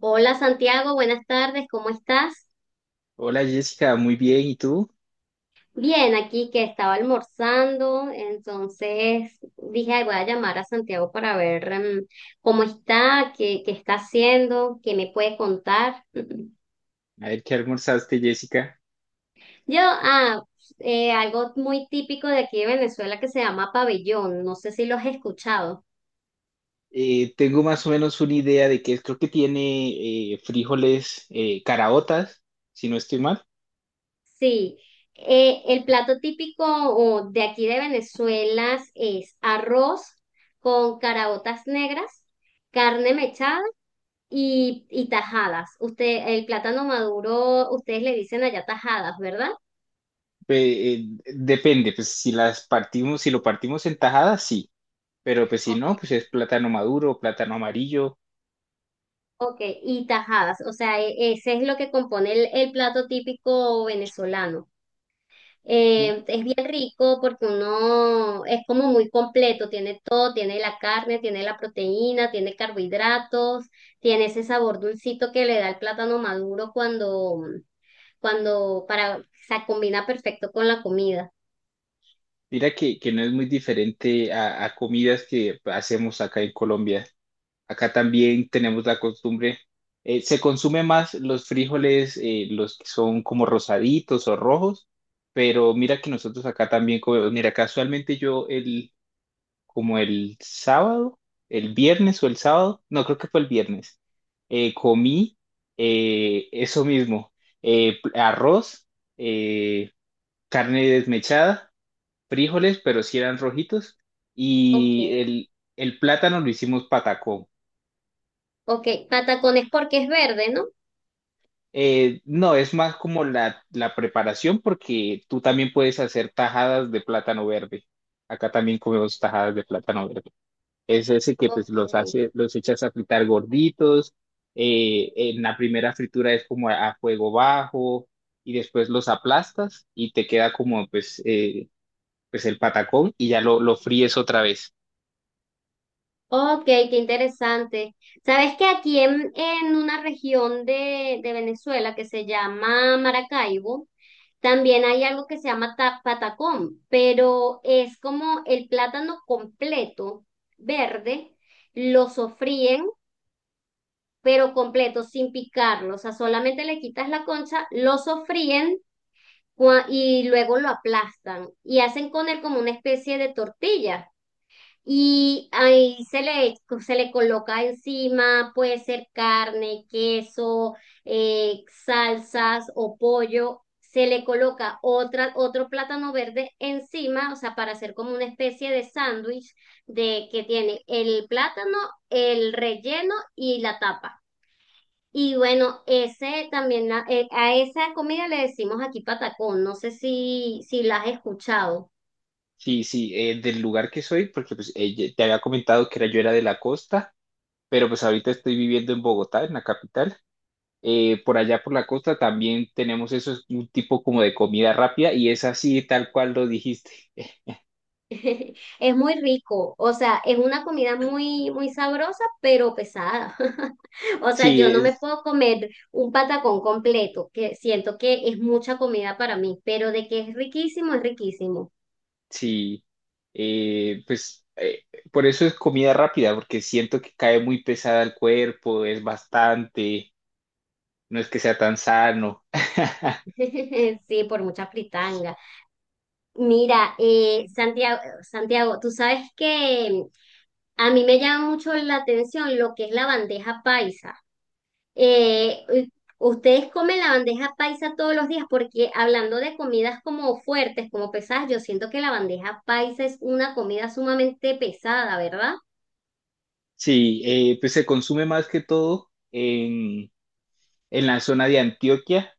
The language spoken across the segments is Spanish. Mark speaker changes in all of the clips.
Speaker 1: Hola Santiago, buenas tardes, ¿cómo estás?
Speaker 2: Hola Jessica, muy bien. ¿Y tú?
Speaker 1: Bien, aquí que estaba almorzando, entonces dije, "Ay, voy a llamar a Santiago para ver cómo está, qué está haciendo, qué me puede contar."
Speaker 2: A ver, ¿qué almorzaste, Jessica?
Speaker 1: Yo, algo muy típico de aquí de Venezuela que se llama pabellón, no sé si lo has escuchado.
Speaker 2: Tengo más o menos una idea de que es. Creo que tiene frijoles, caraotas, si no estoy mal.
Speaker 1: Sí, el plato típico o, de aquí de Venezuela es arroz con caraotas negras, carne mechada y tajadas. Usted, el plátano maduro, ustedes le dicen allá tajadas, ¿verdad?
Speaker 2: Pe- eh, Depende, pues si las partimos, si lo partimos en tajadas, sí. Pero pues si
Speaker 1: Ok.
Speaker 2: no, pues es plátano maduro, plátano amarillo.
Speaker 1: Ok, y tajadas, o sea, ese es lo que compone el plato típico venezolano.
Speaker 2: Mi-
Speaker 1: Es bien rico porque uno es como muy completo, tiene todo, tiene la carne, tiene la proteína, tiene carbohidratos, tiene ese sabor dulcito que le da el plátano maduro cuando se combina perfecto con la comida.
Speaker 2: Mira que no es muy diferente a comidas que hacemos acá en Colombia. Acá también tenemos la costumbre, se consume más los frijoles, los que son como rosaditos o rojos, pero mira que nosotros acá también comemos, mira, casualmente yo el, como el sábado, el viernes o el sábado, no creo que fue el viernes, comí eso mismo, arroz, eh, carne desmechada, frijoles, pero si eran rojitos,
Speaker 1: Ok.
Speaker 2: y el, el plátano lo hicimos patacón.
Speaker 1: Ok, patacones porque es verde, ¿no?
Speaker 2: No, es más como la preparación porque tú también puedes hacer tajadas de plátano verde. Acá también comemos tajadas de plátano verde. Es ese que pues
Speaker 1: Ok,
Speaker 2: los hace, los echas a fritar gorditos. En la primera fritura es como a fuego bajo y después los aplastas y te queda como pues, pues el patacón y ya lo fríes otra vez.
Speaker 1: ok, qué interesante. ¿Sabes que aquí en una región de Venezuela que se llama Maracaibo, también hay algo que se llama patacón, pero es como el plátano completo, verde, lo sofríen, pero completo, sin picarlo, o sea, solamente le quitas la concha, lo sofríen y luego lo aplastan y hacen con él como una especie de tortilla. Y ahí se le coloca encima, puede ser carne, queso, salsas o pollo. Se le coloca otro plátano verde encima, o sea, para hacer como una especie de sándwich de que tiene el plátano, el relleno y la tapa. Y bueno, ese también, a esa comida le decimos aquí patacón. No sé si la has escuchado.
Speaker 2: Sí, sí, del lugar que soy, porque pues te había comentado que era, yo era de la costa pero pues ahorita estoy viviendo en Bogotá, en la capital, por allá por la costa también tenemos eso, es un tipo como de comida rápida y es así tal cual lo dijiste.
Speaker 1: Es muy rico, o sea, es una comida muy, muy sabrosa, pero pesada. O sea,
Speaker 2: Sí,
Speaker 1: yo no me
Speaker 2: es,
Speaker 1: puedo comer un patacón completo, que siento que es mucha comida para mí, pero de que es riquísimo, es riquísimo.
Speaker 2: sí, eh, pues eh, por eso es comida rápida, porque siento que cae muy pesada al cuerpo, es bastante, no es que sea tan sano.
Speaker 1: Sí, por mucha fritanga. Mira, Santiago, Santiago, tú sabes que a mí me llama mucho la atención lo que es la bandeja paisa. Eh, eh, ¿Ustedes comen la bandeja paisa todos los días? Porque hablando de comidas como fuertes, como pesadas, yo siento que la bandeja paisa es una comida sumamente pesada, ¿verdad?
Speaker 2: Sí, pues se consume más que todo en la zona de Antioquia,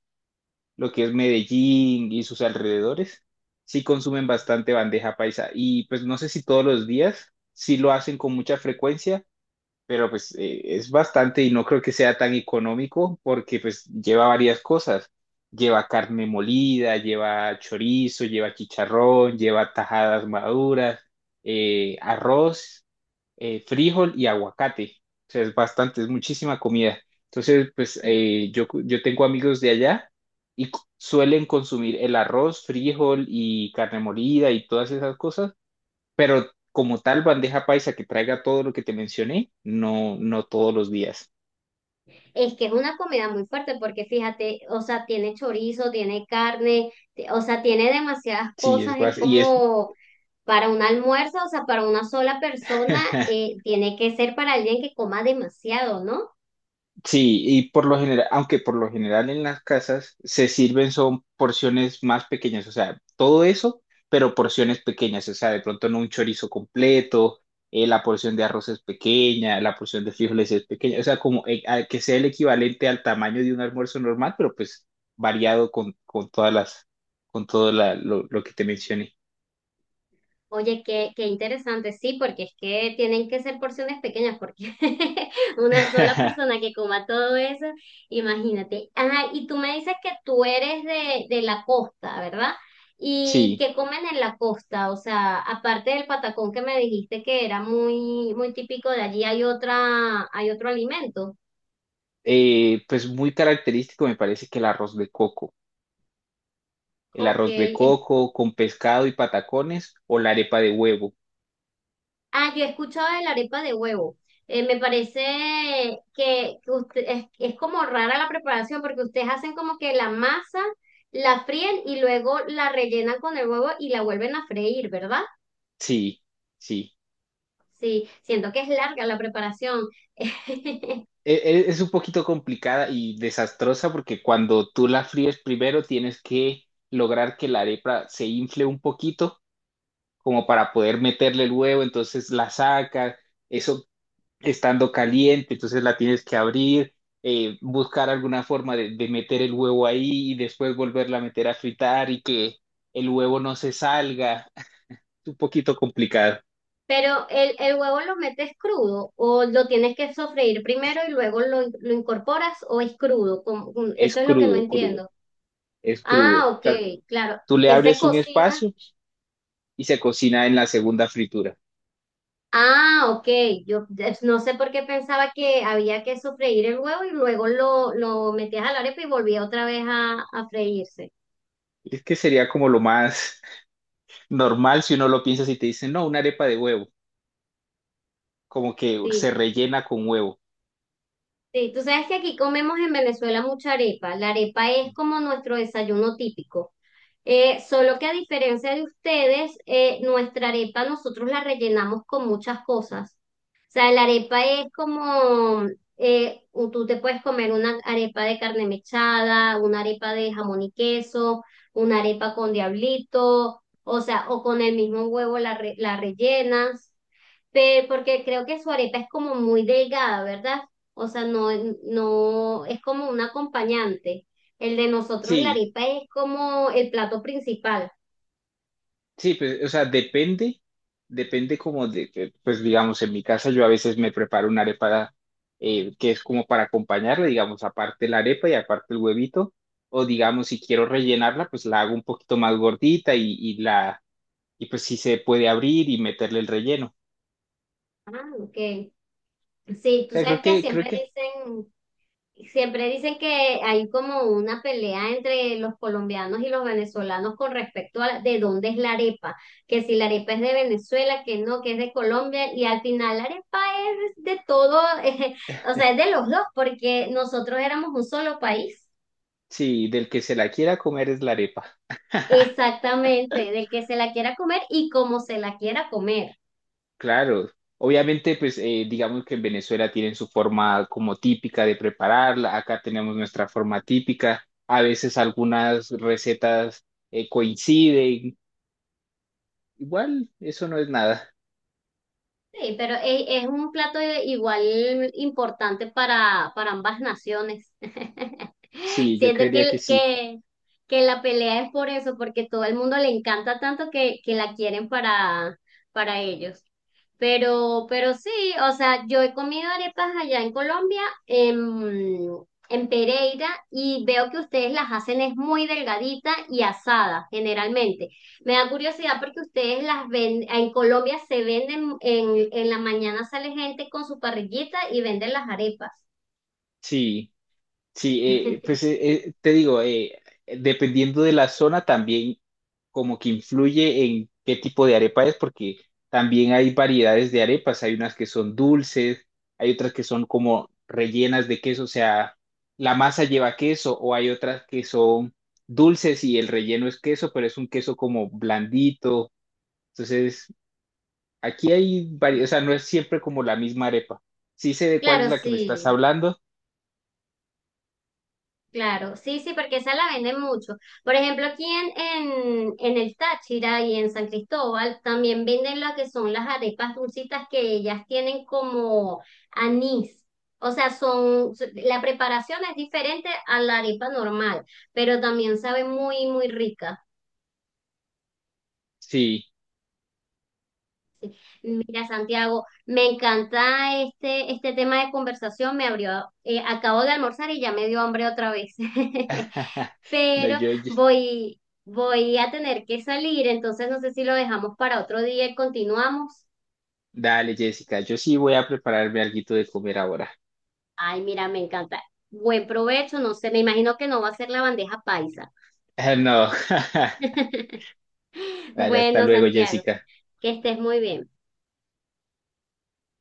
Speaker 2: lo que es Medellín y sus alrededores, sí consumen bastante bandeja paisa y pues no sé si todos los días, sí lo hacen con mucha frecuencia, pero es bastante y no creo que sea tan económico porque pues lleva varias cosas. Lleva carne molida, lleva chorizo, lleva chicharrón, lleva tajadas maduras, arroz, frijol y aguacate. O sea, es bastante, es muchísima comida. Entonces,
Speaker 1: Sí.
Speaker 2: yo tengo amigos de allá suelen consumir el arroz, frijol y carne molida y todas esas cosas, pero como tal bandeja paisa que traiga todo lo que te mencioné, no, no todos los días.
Speaker 1: Es que es una comida muy fuerte porque fíjate, o sea, tiene chorizo, tiene carne, o sea, tiene demasiadas
Speaker 2: Sí, es
Speaker 1: cosas, es
Speaker 2: bas- y es
Speaker 1: como para un almuerzo, o sea, para una sola persona, tiene que ser para alguien que coma demasiado, ¿no?
Speaker 2: sí, y por lo general, aunque por lo general en las casas se sirven son porciones más pequeñas, o sea, todo eso, pero porciones pequeñas, o sea, de pronto no un chorizo completo, la porción de arroz es pequeña, la porción de frijoles es pequeña, o sea, como que sea el equivalente al tamaño de un almuerzo normal, pero pues variado con todas las, con todo lo que te mencioné.
Speaker 1: Oye, qué interesante, sí, porque es que tienen que ser porciones pequeñas, porque una sola persona que coma todo eso, imagínate. Ajá, y tú me dices que tú eres de la costa, ¿verdad? ¿Y
Speaker 2: Sí,
Speaker 1: qué comen en la costa? O sea, aparte del patacón que me dijiste que era muy, muy típico de allí, Hay otro alimento?
Speaker 2: pues muy característico me parece que el arroz de coco. El
Speaker 1: Ok.
Speaker 2: arroz de coco con pescado y patacones o la arepa de huevo.
Speaker 1: Ah, yo he escuchado de la arepa de huevo. Me parece que es como rara la preparación porque ustedes hacen como que la masa, la fríen y luego la rellenan con el huevo y la vuelven a freír, ¿verdad?
Speaker 2: Sí, sí.
Speaker 1: Sí, siento que es larga la preparación.
Speaker 2: Es un poquito complicada y desastrosa porque cuando tú la fríes primero tienes que lograr que la arepa se infle un poquito como para poder meterle el huevo, entonces la sacas, eso estando caliente, entonces la tienes que abrir, buscar alguna forma de meter el huevo ahí y después volverla a meter a fritar y que el huevo no se salga. Es un poquito complicado.
Speaker 1: Pero el huevo lo metes crudo o lo tienes que sofreír primero y luego lo incorporas o es crudo.
Speaker 2: Es
Speaker 1: Eso es lo que no
Speaker 2: crudo, crudo,
Speaker 1: entiendo.
Speaker 2: es crudo.
Speaker 1: Ah,
Speaker 2: O
Speaker 1: ok,
Speaker 2: sea,
Speaker 1: claro.
Speaker 2: tú le
Speaker 1: Él se
Speaker 2: abres un
Speaker 1: cocina.
Speaker 2: espacio y se cocina en la segunda fritura.
Speaker 1: Ah, ok. Yo no sé por qué pensaba que había que sofreír el huevo y luego lo metías a la arepa y volvía otra vez a freírse.
Speaker 2: Es que sería como lo más normal si uno lo piensa si te dicen, no, una arepa de huevo, como que se
Speaker 1: Sí,
Speaker 2: rellena con huevo.
Speaker 1: sí. Tú sabes que aquí comemos en Venezuela mucha arepa. La arepa es como nuestro desayuno típico. Solo que a diferencia de ustedes, nuestra arepa nosotros la rellenamos con muchas cosas. O sea, la arepa es como, tú te puedes comer una arepa de carne mechada, una arepa de jamón y queso, una arepa con diablito, o sea, o con el mismo huevo la rellenas. Porque creo que su arepa es como muy delgada, ¿verdad? O sea, no, no es como un acompañante. El de nosotros, la
Speaker 2: Sí,
Speaker 1: arepa es como el plato principal.
Speaker 2: sí, pues, o sea, depende, depende como pues digamos, en mi casa yo a veces me preparo una arepa, que es como para acompañarla, digamos, aparte la arepa y aparte el huevito, o digamos, si quiero rellenarla, pues la hago un poquito más gordita y la y pues sí se puede abrir y meterle el relleno. O
Speaker 1: Ah, ok. Sí, tú
Speaker 2: sea,
Speaker 1: sabes que
Speaker 2: creo
Speaker 1: siempre
Speaker 2: que
Speaker 1: dicen, Siempre dicen que hay como una pelea entre los colombianos y los venezolanos con respecto a de dónde es la arepa, que si la arepa es de Venezuela, que no, que es de Colombia, y al final la arepa es de todo, o sea, es de los dos, porque nosotros éramos un solo país,
Speaker 2: sí, del que se la quiera comer es la arepa.
Speaker 1: exactamente, del que se la quiera comer y como se la quiera comer.
Speaker 2: Claro, obviamente digamos que en Venezuela tienen su forma como típica de prepararla, acá tenemos nuestra forma típica, a veces algunas recetas coinciden, igual eso no es nada.
Speaker 1: Sí, pero es un plato igual importante para ambas naciones.
Speaker 2: Sí, yo
Speaker 1: Siento que,
Speaker 2: creería
Speaker 1: el-
Speaker 2: que sí,
Speaker 1: que, que la pelea es por eso, porque todo el mundo le encanta tanto que la quieren para ellos. Pero sí, o sea, yo he comido arepas allá en Colombia, en, en Pereira, y veo que ustedes las hacen es muy delgadita y asada, generalmente. Me da curiosidad porque ustedes las ven, en Colombia se venden, en la mañana sale gente con su parrillita y venden las arepas.
Speaker 2: sí. Sí, eh, pues eh, te digo, dependiendo de la zona también como que influye en qué tipo de arepa es, porque también hay variedades de arepas, hay unas que son dulces, hay otras que son como rellenas de queso, o sea, la masa lleva queso, o hay otras que son dulces y el relleno es queso, pero es un queso como blandito, entonces aquí hay varias, o
Speaker 1: Sí.
Speaker 2: sea, no es siempre como la misma arepa. Sí sé de cuál es
Speaker 1: Claro,
Speaker 2: la que me estás
Speaker 1: sí,
Speaker 2: hablando,
Speaker 1: claro, sí, sí, porque esa la venden mucho. Por ejemplo, aquí en el Táchira y en San Cristóbal también venden lo que son las arepas dulcitas que ellas tienen como anís. O sea, la preparación es diferente a la arepa normal, pero también sabe muy, muy rica.
Speaker 2: sí.
Speaker 1: Mira, Santiago, me encanta este tema de conversación. Acabo de almorzar y ya me dio hambre otra vez.
Speaker 2: No,
Speaker 1: Pero
Speaker 2: yo-
Speaker 1: voy a tener que salir, entonces no sé si lo dejamos para otro día y continuamos.
Speaker 2: dale, Jessica, yo sí voy a prepararme alguito de comer ahora.
Speaker 1: Ay, mira, me encanta. Buen provecho, no sé, me imagino que no va a ser la bandeja paisa.
Speaker 2: No, vale, hasta
Speaker 1: Bueno,
Speaker 2: luego,
Speaker 1: Santiago,
Speaker 2: Jessica.
Speaker 1: que estés muy bien.